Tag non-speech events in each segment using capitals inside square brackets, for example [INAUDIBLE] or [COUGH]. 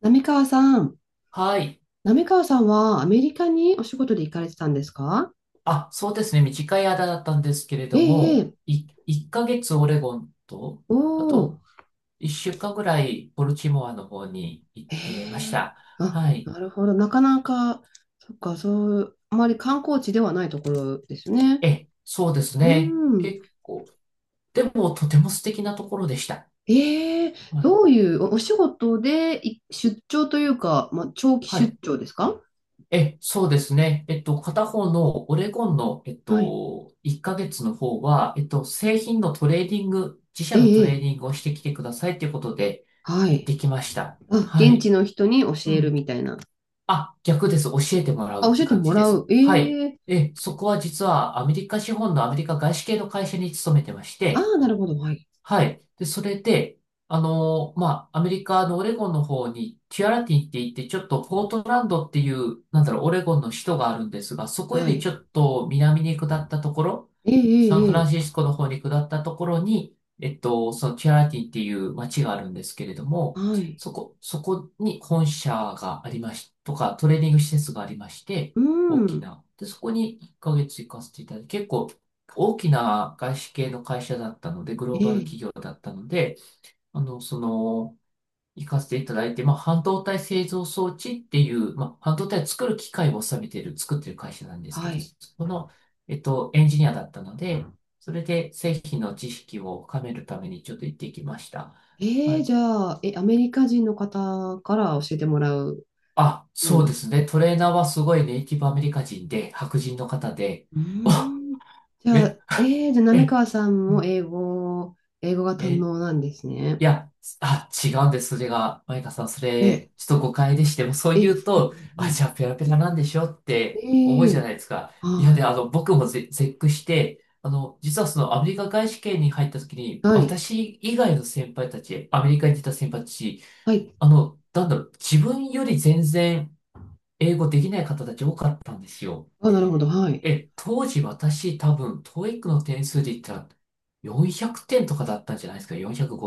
浪川さん、はい。浪川さんはアメリカにお仕事で行かれてたんですか？あ、そうですね。短い間だったんですけれえどえ、も、ええ。1ヶ月オレゴンと、おあとお。1週間ぐらいボルチモアの方に行っえてましえ、た。あ、はい。なるほど、なかなか、そっか、そう、あまり観光地ではないところですね。え、そうですうね。ん、結構、でもとても素敵なところでした。ええ、はい。どういうお、お仕事でい出張というか、まあ、長期は出い。張ですか？え、そうですね。片方のオレゴンの、はい。1ヶ月の方は、製品のトレーディング、自社のえトレーえ、えディンえ。グをしてきてくださいということでは行っい。てきました。あ、は現地い。の人に教うえるん、みたいな。あ、逆です。教えてもらうあ、っ教てえて感もじでらす。う。はい。ええ、え、そこは実はアメリカ資本のアメリカ外資系の会社に勤めてましあて、あ、なるほど、はい。はい。で、それで、まあ、アメリカのオレゴンの方に、キュアラティンって言って、ちょっとポートランドっていう、なんだろう、オレゴンの首都があるんですが、そこよはりい。ちょっと南に下ったところ、ええ、えサンフえ、ランえシえ。スコの方に下ったところに、そのキュアラティンっていう街があるんですけれども、はい。そこに本社がありまし、とか、トレーニング施設がありまして、う大きん。な。で、そこに1ヶ月行かせていただいて、結構大きな外資系の会社だったので、グローバえルえ、企業だったので、あの、その、行かせていただいて、まあ、半導体製造装置っていう、まあ、半導体を作る機械を収めてる、作ってる会社なんですけはど、い。そこの、エンジニアだったので、それで製品の知識を深めるためにちょっと行ってきました。えはえ、い。じゃあ、え、アメリカ人の方から教えてもらうあ、ようそうな。ですね。トレーナーはすごいネイティブアメリカ人で、白人の方で、うーおん。じゃめ、あ、ええ、じゃあ、滑え、川さんも英語、英語が堪え能なんですね。いや、あ、違うんです、それが。マイカさん、そえ、れ、ちょっと誤解でして、もうそう言え、うと、うあ、じゃん。あペラペラなんでしょって思えうじゃえ、ないですか。いや、はで、い。僕も絶句して、実はそのアメリカ外資圏に入った時に、はい。私以外の先輩たち、アメリカに出た先輩たち、はい。なんだろう、自分より全然英語できない方たち多かったんですよ。あ、なるほど。はい。え、当時私多分、TOEIC の点数で言ったら400点とかだったんじゃないですか。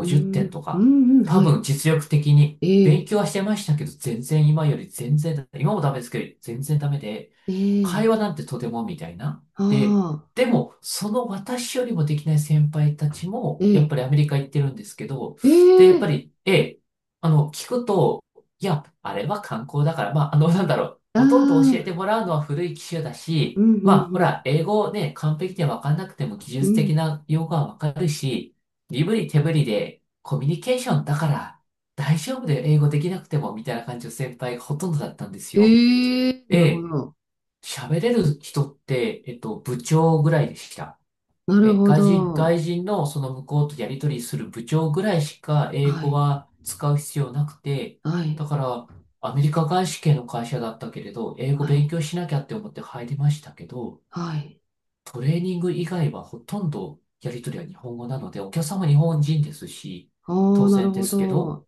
うー点ん。とうか。ん、うん、多は分、い。実力的にえ勉え、強はしてましたけど、全然今より全然だ、今もダメですけど、全然ダメで、え会え、話なんてとてもみたいな。あで、あ、でも、その私よりもできない先輩たちえも、やっえ、ぱりアメリカ行ってるんですけど、えで、やっぱえ、り、ええ、聞くと、いや、あれは観光だから、まあ、なんだろう、あほとんど教あ、えてもらうのは古い機種だうし、ん、うまあ、ほん、ら、英語ね、完璧で分かんなくても技う術ん。う的ん。な用語は分かるし、身振り手振りでコミュニケーションだから大丈夫で英語できなくても、みたいな感じの先輩がほとんどだったんですよ。ええ、なるほで、ど。喋れる人って、部長ぐらいでした。なるえ、ほど。外人のその向こうとやり取りする部長ぐらいしか英は語い、は使う必要なくて、はい、だから、アメリカ外資系の会社だったけれど、英語は勉い、強しなきゃって思って入りましたけど、はい。トレーニング以外はほとんどやり取りは日本語なので、お客様日本人ですし、あ当あ、なる然でほすけど、ど。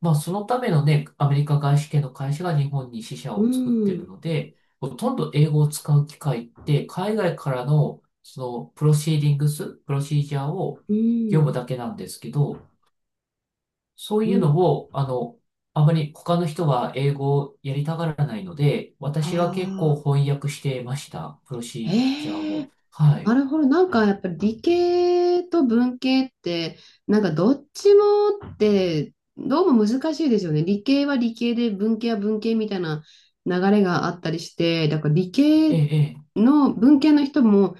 まあそのためのね、アメリカ外資系の会社が日本に支社うを作っているん、ので、ほとんど英語を使う機会って、海外からのそのプロシーディングス、プロシージャーをう読むん、だけなんですけど、そうういうのん。を、あまり他の人は英語をやりたがらないので、私は結構ああ、翻訳してました、プロシージャーえを。え、はない。るほど。なんかやっぱり理系と文系って、なんかどっちもって、どうも難しいですよね。理系は理系で、文系は文系みたいな流れがあったりして、だから理え系え、え、の文系の人も、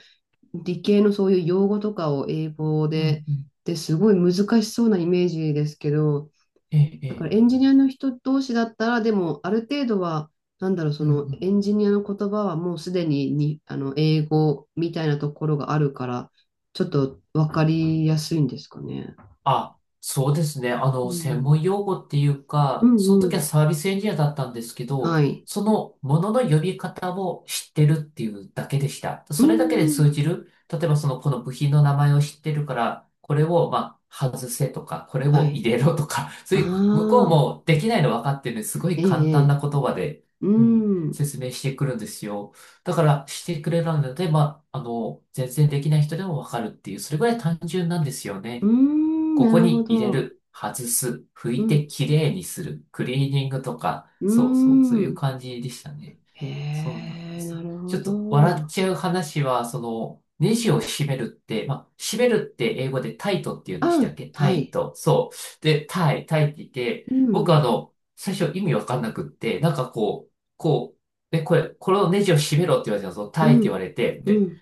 理系のそういう用語とかを英語うんで、うん。ですごい難しそうなイメージですけど、ええ、だえからえ。エンジニアの人同士だったら、でもある程度は、なんだろう、そうんうのん。エンジニアの言葉はもうすでに、あの英語みたいなところがあるから、ちょっとわかりやすいんですかね。あ、そうですね。う専ん、門用語っていううか、そのんう時はん。サービスエンジニアだったんですけど、はい。そのものの呼び方を知ってるっていうだけでした。うそれだけでん。通じる。例えばその、この部品の名前を知ってるから、これを、まあ、外せとか、これはを入い。れろとか、[LAUGHS] そあういう、向こうあ、もできないの分かってるんで、すごえい簡え、え単え。な言葉で、ううん、ん。説明してくるんですよ。だから、してくれるので、まあ、全然できない人でも分かるっていう、それぐらい単純なんですようね。ん、こなこるほに入れど。る、外す、拭ういてん。きれいにする、クリーニングとか、うそうそう、そういうん。感じでしたね。へそうなんでえ、す。なるちほょっと笑っど。ちゃう話は、その、ネジを締めるって、まあ、締めるって英語でタイトって言うんでしたあ、っけタはイい。ト。そう。で、タイ、タイって言って、う僕ん、最初意味わかんなくって、なんかこう、こう、で、これ、このネジを締めろって言われたんですよ。タイっうて言わん、れて、うで、ん。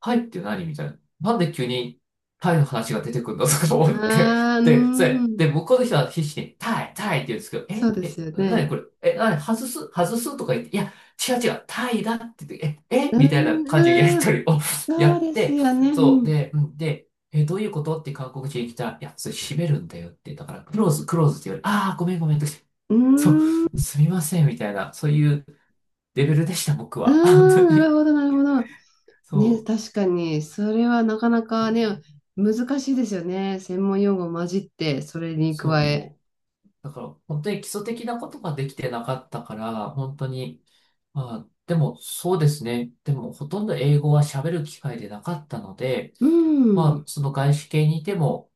タイって何みたいな。なんで急にタイの話が出てくるんだとか思って。ああ、う [LAUGHS] で、それ、ん。で、向こうの人は必死にタイ、タイって言うんですけど、そうえ、ですえ、よ何こね。れ、え、何、外す、外すとか言って、いや、違う違う、タイだって言って、え、え、うみたいなん、感じのやりあー、とりを [LAUGHS] やそうっですて、よね。そう、うで、うん、で、え、どういうことって韓国人に来たら、いや、それ閉めるんだよって、だから、クローズ、クローズって言われ、ああ、ごめんごめんとか言って、ん。そうん。う、すみません、みたいな、そういうレベルでした、僕ああ、は。本当なるに。ほど、なるほど。ね、そ確かに、それはなかなう。うかね、ん、難しいですよね。専門用語混じって、それに加え。そう。だから、本当に基礎的なことができてなかったから、本当に、まあ、でもそうですね。でも、ほとんど英語は喋る機会でなかったので、うまん、あ、その外資系にいても、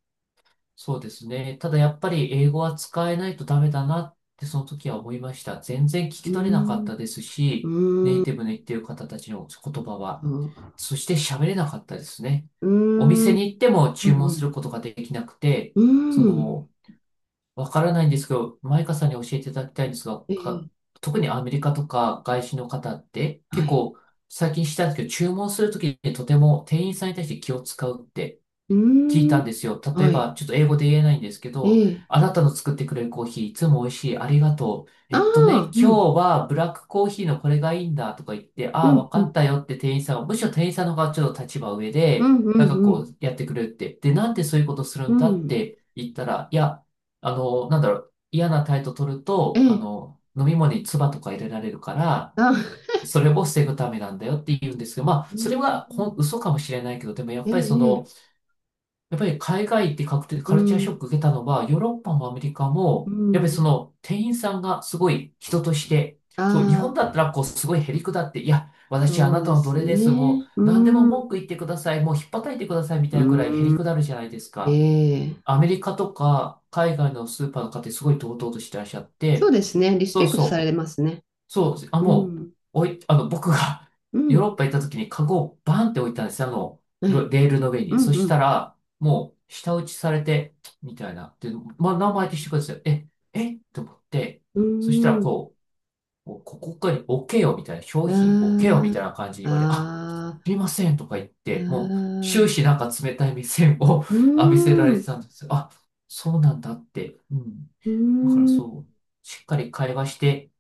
そうですね。ただやっぱり英語は使えないとダメだなってその時は思いました。全然聞うき取れなかっん、たですうし、ん、ネうイん、ティブの言ってる方たちの言葉は。うん、そして喋れなかったですね。お店に行ってもう注文するん、ことができなくて、うそん。のわからないんですけど、マイカさんに教えていただきたいんですが、ええ、特にアメリカとか外資の方っては結い。構最近知ったんですけど、注文するときにとても店員さんに対して気を使うってう聞いーん、たんですよ。例えはば、い。ちょっと英語で言えないんですけえど、え。あなたの作ってくれるコーヒーいつも美味しい。ありがとう。あえっとね、あ、今うん、日はブラックコーヒーのこれがいいんだとか言って、うああ、ん、わうかっん、たよって店員さんは、むしろ店員さんの方がちょっと立場上うん、で、うん、なんかうこん、うやってくれるって。で、なんでそういうことするうんだっん。て言ったら、いや、なんだろう、嫌な態度取るえと、え、飲み物に唾とか入れられるから、あ、それを防ぐためなんだよって言うんですけど、まあ、うそれはほんん、嘘かもしれないけど、でもやっえぱりそえ、の、ええ、やっぱり海外行って確定、うカルチャーシん、ョック受けたのは、ヨーロッパもアメリカうも、やっぱりそん、の店員さんがすごい人として、そう、日あ本だったあ、らこうすごいへりくだって、いや、私あそうなたでの奴す隷です、もね。う何でうもん、文句言ってください、もうひっぱたいてくださいみたういなくらいへりん、くだるじゃないですえか。え、アメリカとか海外のスーパーの方ってすごい堂々としてらっしゃっそうて、ですね。リスそペうクトされそう。ますね。そうです。あ、うもう、ん、おい、僕が う [LAUGHS] ヨーロん、ッパ行った時にカゴをバンって置いたんですよ。あの、はロい、レールの上うに。ん、そうしたん。ら、もう、舌打ちされて、みたいな。で、まあ、名前っしてください。えと思って、そしたら、うこう、こうここかに置けよ、みたいな。商ー品置けよ、みたいん、な感じに言われ、あ、すああ、みあません、とか言って、もう、終あ、始ああ、なんか冷たい目線を うー [LAUGHS] 浴びせらん、れてうたんですよ。あ、そうなんだって。うん。ーだからん、うそう、しっかり会話して、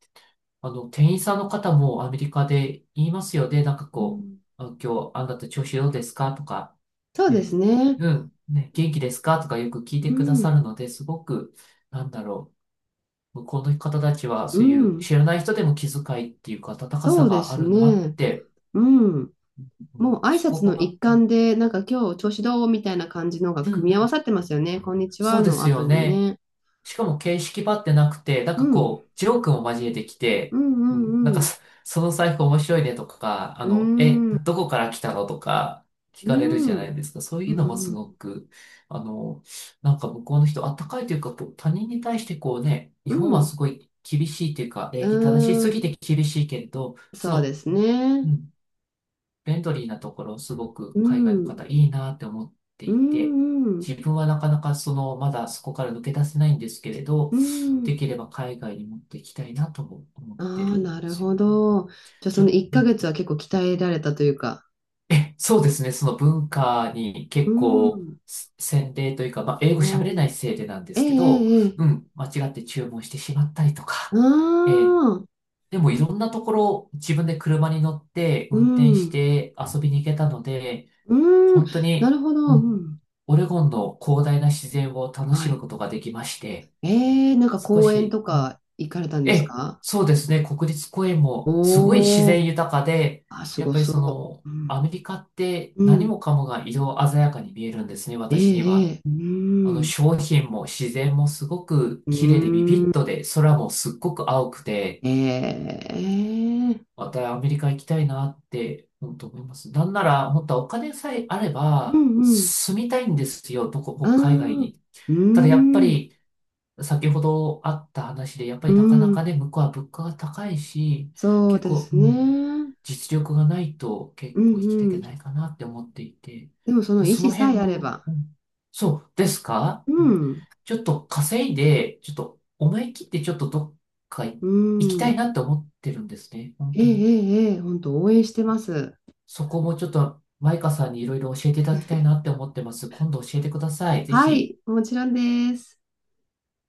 店員さんの方もアメリカで言いますよね。なんかーこん、う、あ今日あなた調子どうですかとか、そうですね、ね。うん、ね、元気ですかとかよく聞いうてくださん、るので、すごく、なんだろう、向こうの方たちはうそういうん、知らない人でも気遣いっていうか温かさそうでがあするなっね。てうん。思っもうて、挨そ拶このが、一環で、なんか今日調子どうみたいな感じのがうん組うみ合わん、さってますよね。こんにちそはうでのす後よにね。ね。しかも形式ばってなくて、なんうかん、こう、ジョークも交えてきうて、うん、なんん、かうん、そ、その財布面白いねとか、うえ、ん。うーん、どこから来たのとか聞うかれるじゃなん、いですか。そうういうのもすん、ごく、あの、なんか向こうの人、あったかいというか、こう、他人に対してこうね、日う本はすん、ごい厳しいというか、う礼儀正しーすぎん、て厳しいけれど、そそうでの、すね。フレンドリーなところ、すごくう海外のん、方いいなって思ってういて、ん、うん、自分はなかなかその、まだそこから抜け出せないんですけれど、うでん。きれば海外に持っていきたいなとも思ってあー、るなんでるすよほね。ど。じゃあちそょ、の1うヶん、月は結構鍛えられたというか。え、そうですね、その文化にう結構、ん、せ洗礼というか、まあ、英語喋れうないん。せいでなんでええ、すけえど、え、えうえ。ん、間違って注文してしまったりとあか、えーあ、でもいろんなところ自分で車に乗ってう運転しん、て遊びに行けたので、うん、本当なるに、ほうど、うん、ん、オレゴンの広大な自然を楽はしむい。ことができまして、えー、なんか少公園し、とうん、か行かれたんですえ、か？そうですね、国立公園もすごい自お然ー、豊かで、あ、すやっごぱりそその、う。うん、アメリカってう何ん、もかもが色鮮やかに見えるんですね、え私には。ー、えー、商品も自然もすごくう綺麗でビん、ビうッん、とで、空もすっごく青くて、えー、またアメリカ行きたいなって、本当思います。なんなら、本当はお金さえあれうん、ば、うん、住みたいんですよ、どこ、あ北海外あ、に。うただやっぱん、り、先ほどあった話で、やっぱうりなかなかん、ね、向こうは物価が高いし、そう結で構、すうん、ね。実力がないとう結ん、構生きていけうん。ないかなって思っていて、でもその意そ思のさ辺えあれも、ば、うん、そうですか、ううん、ん、ちょっと稼いで、ちょっと思い切ってちょっとどっか行うきたいん、なって思ってるんですね、本えー、え当に。ー、えー、本当応援してます。そこもちょっとマイカさんにいろいろ教えていただきたいなって思ってます。今度教えてください。ぜはひ。い、もちろんです。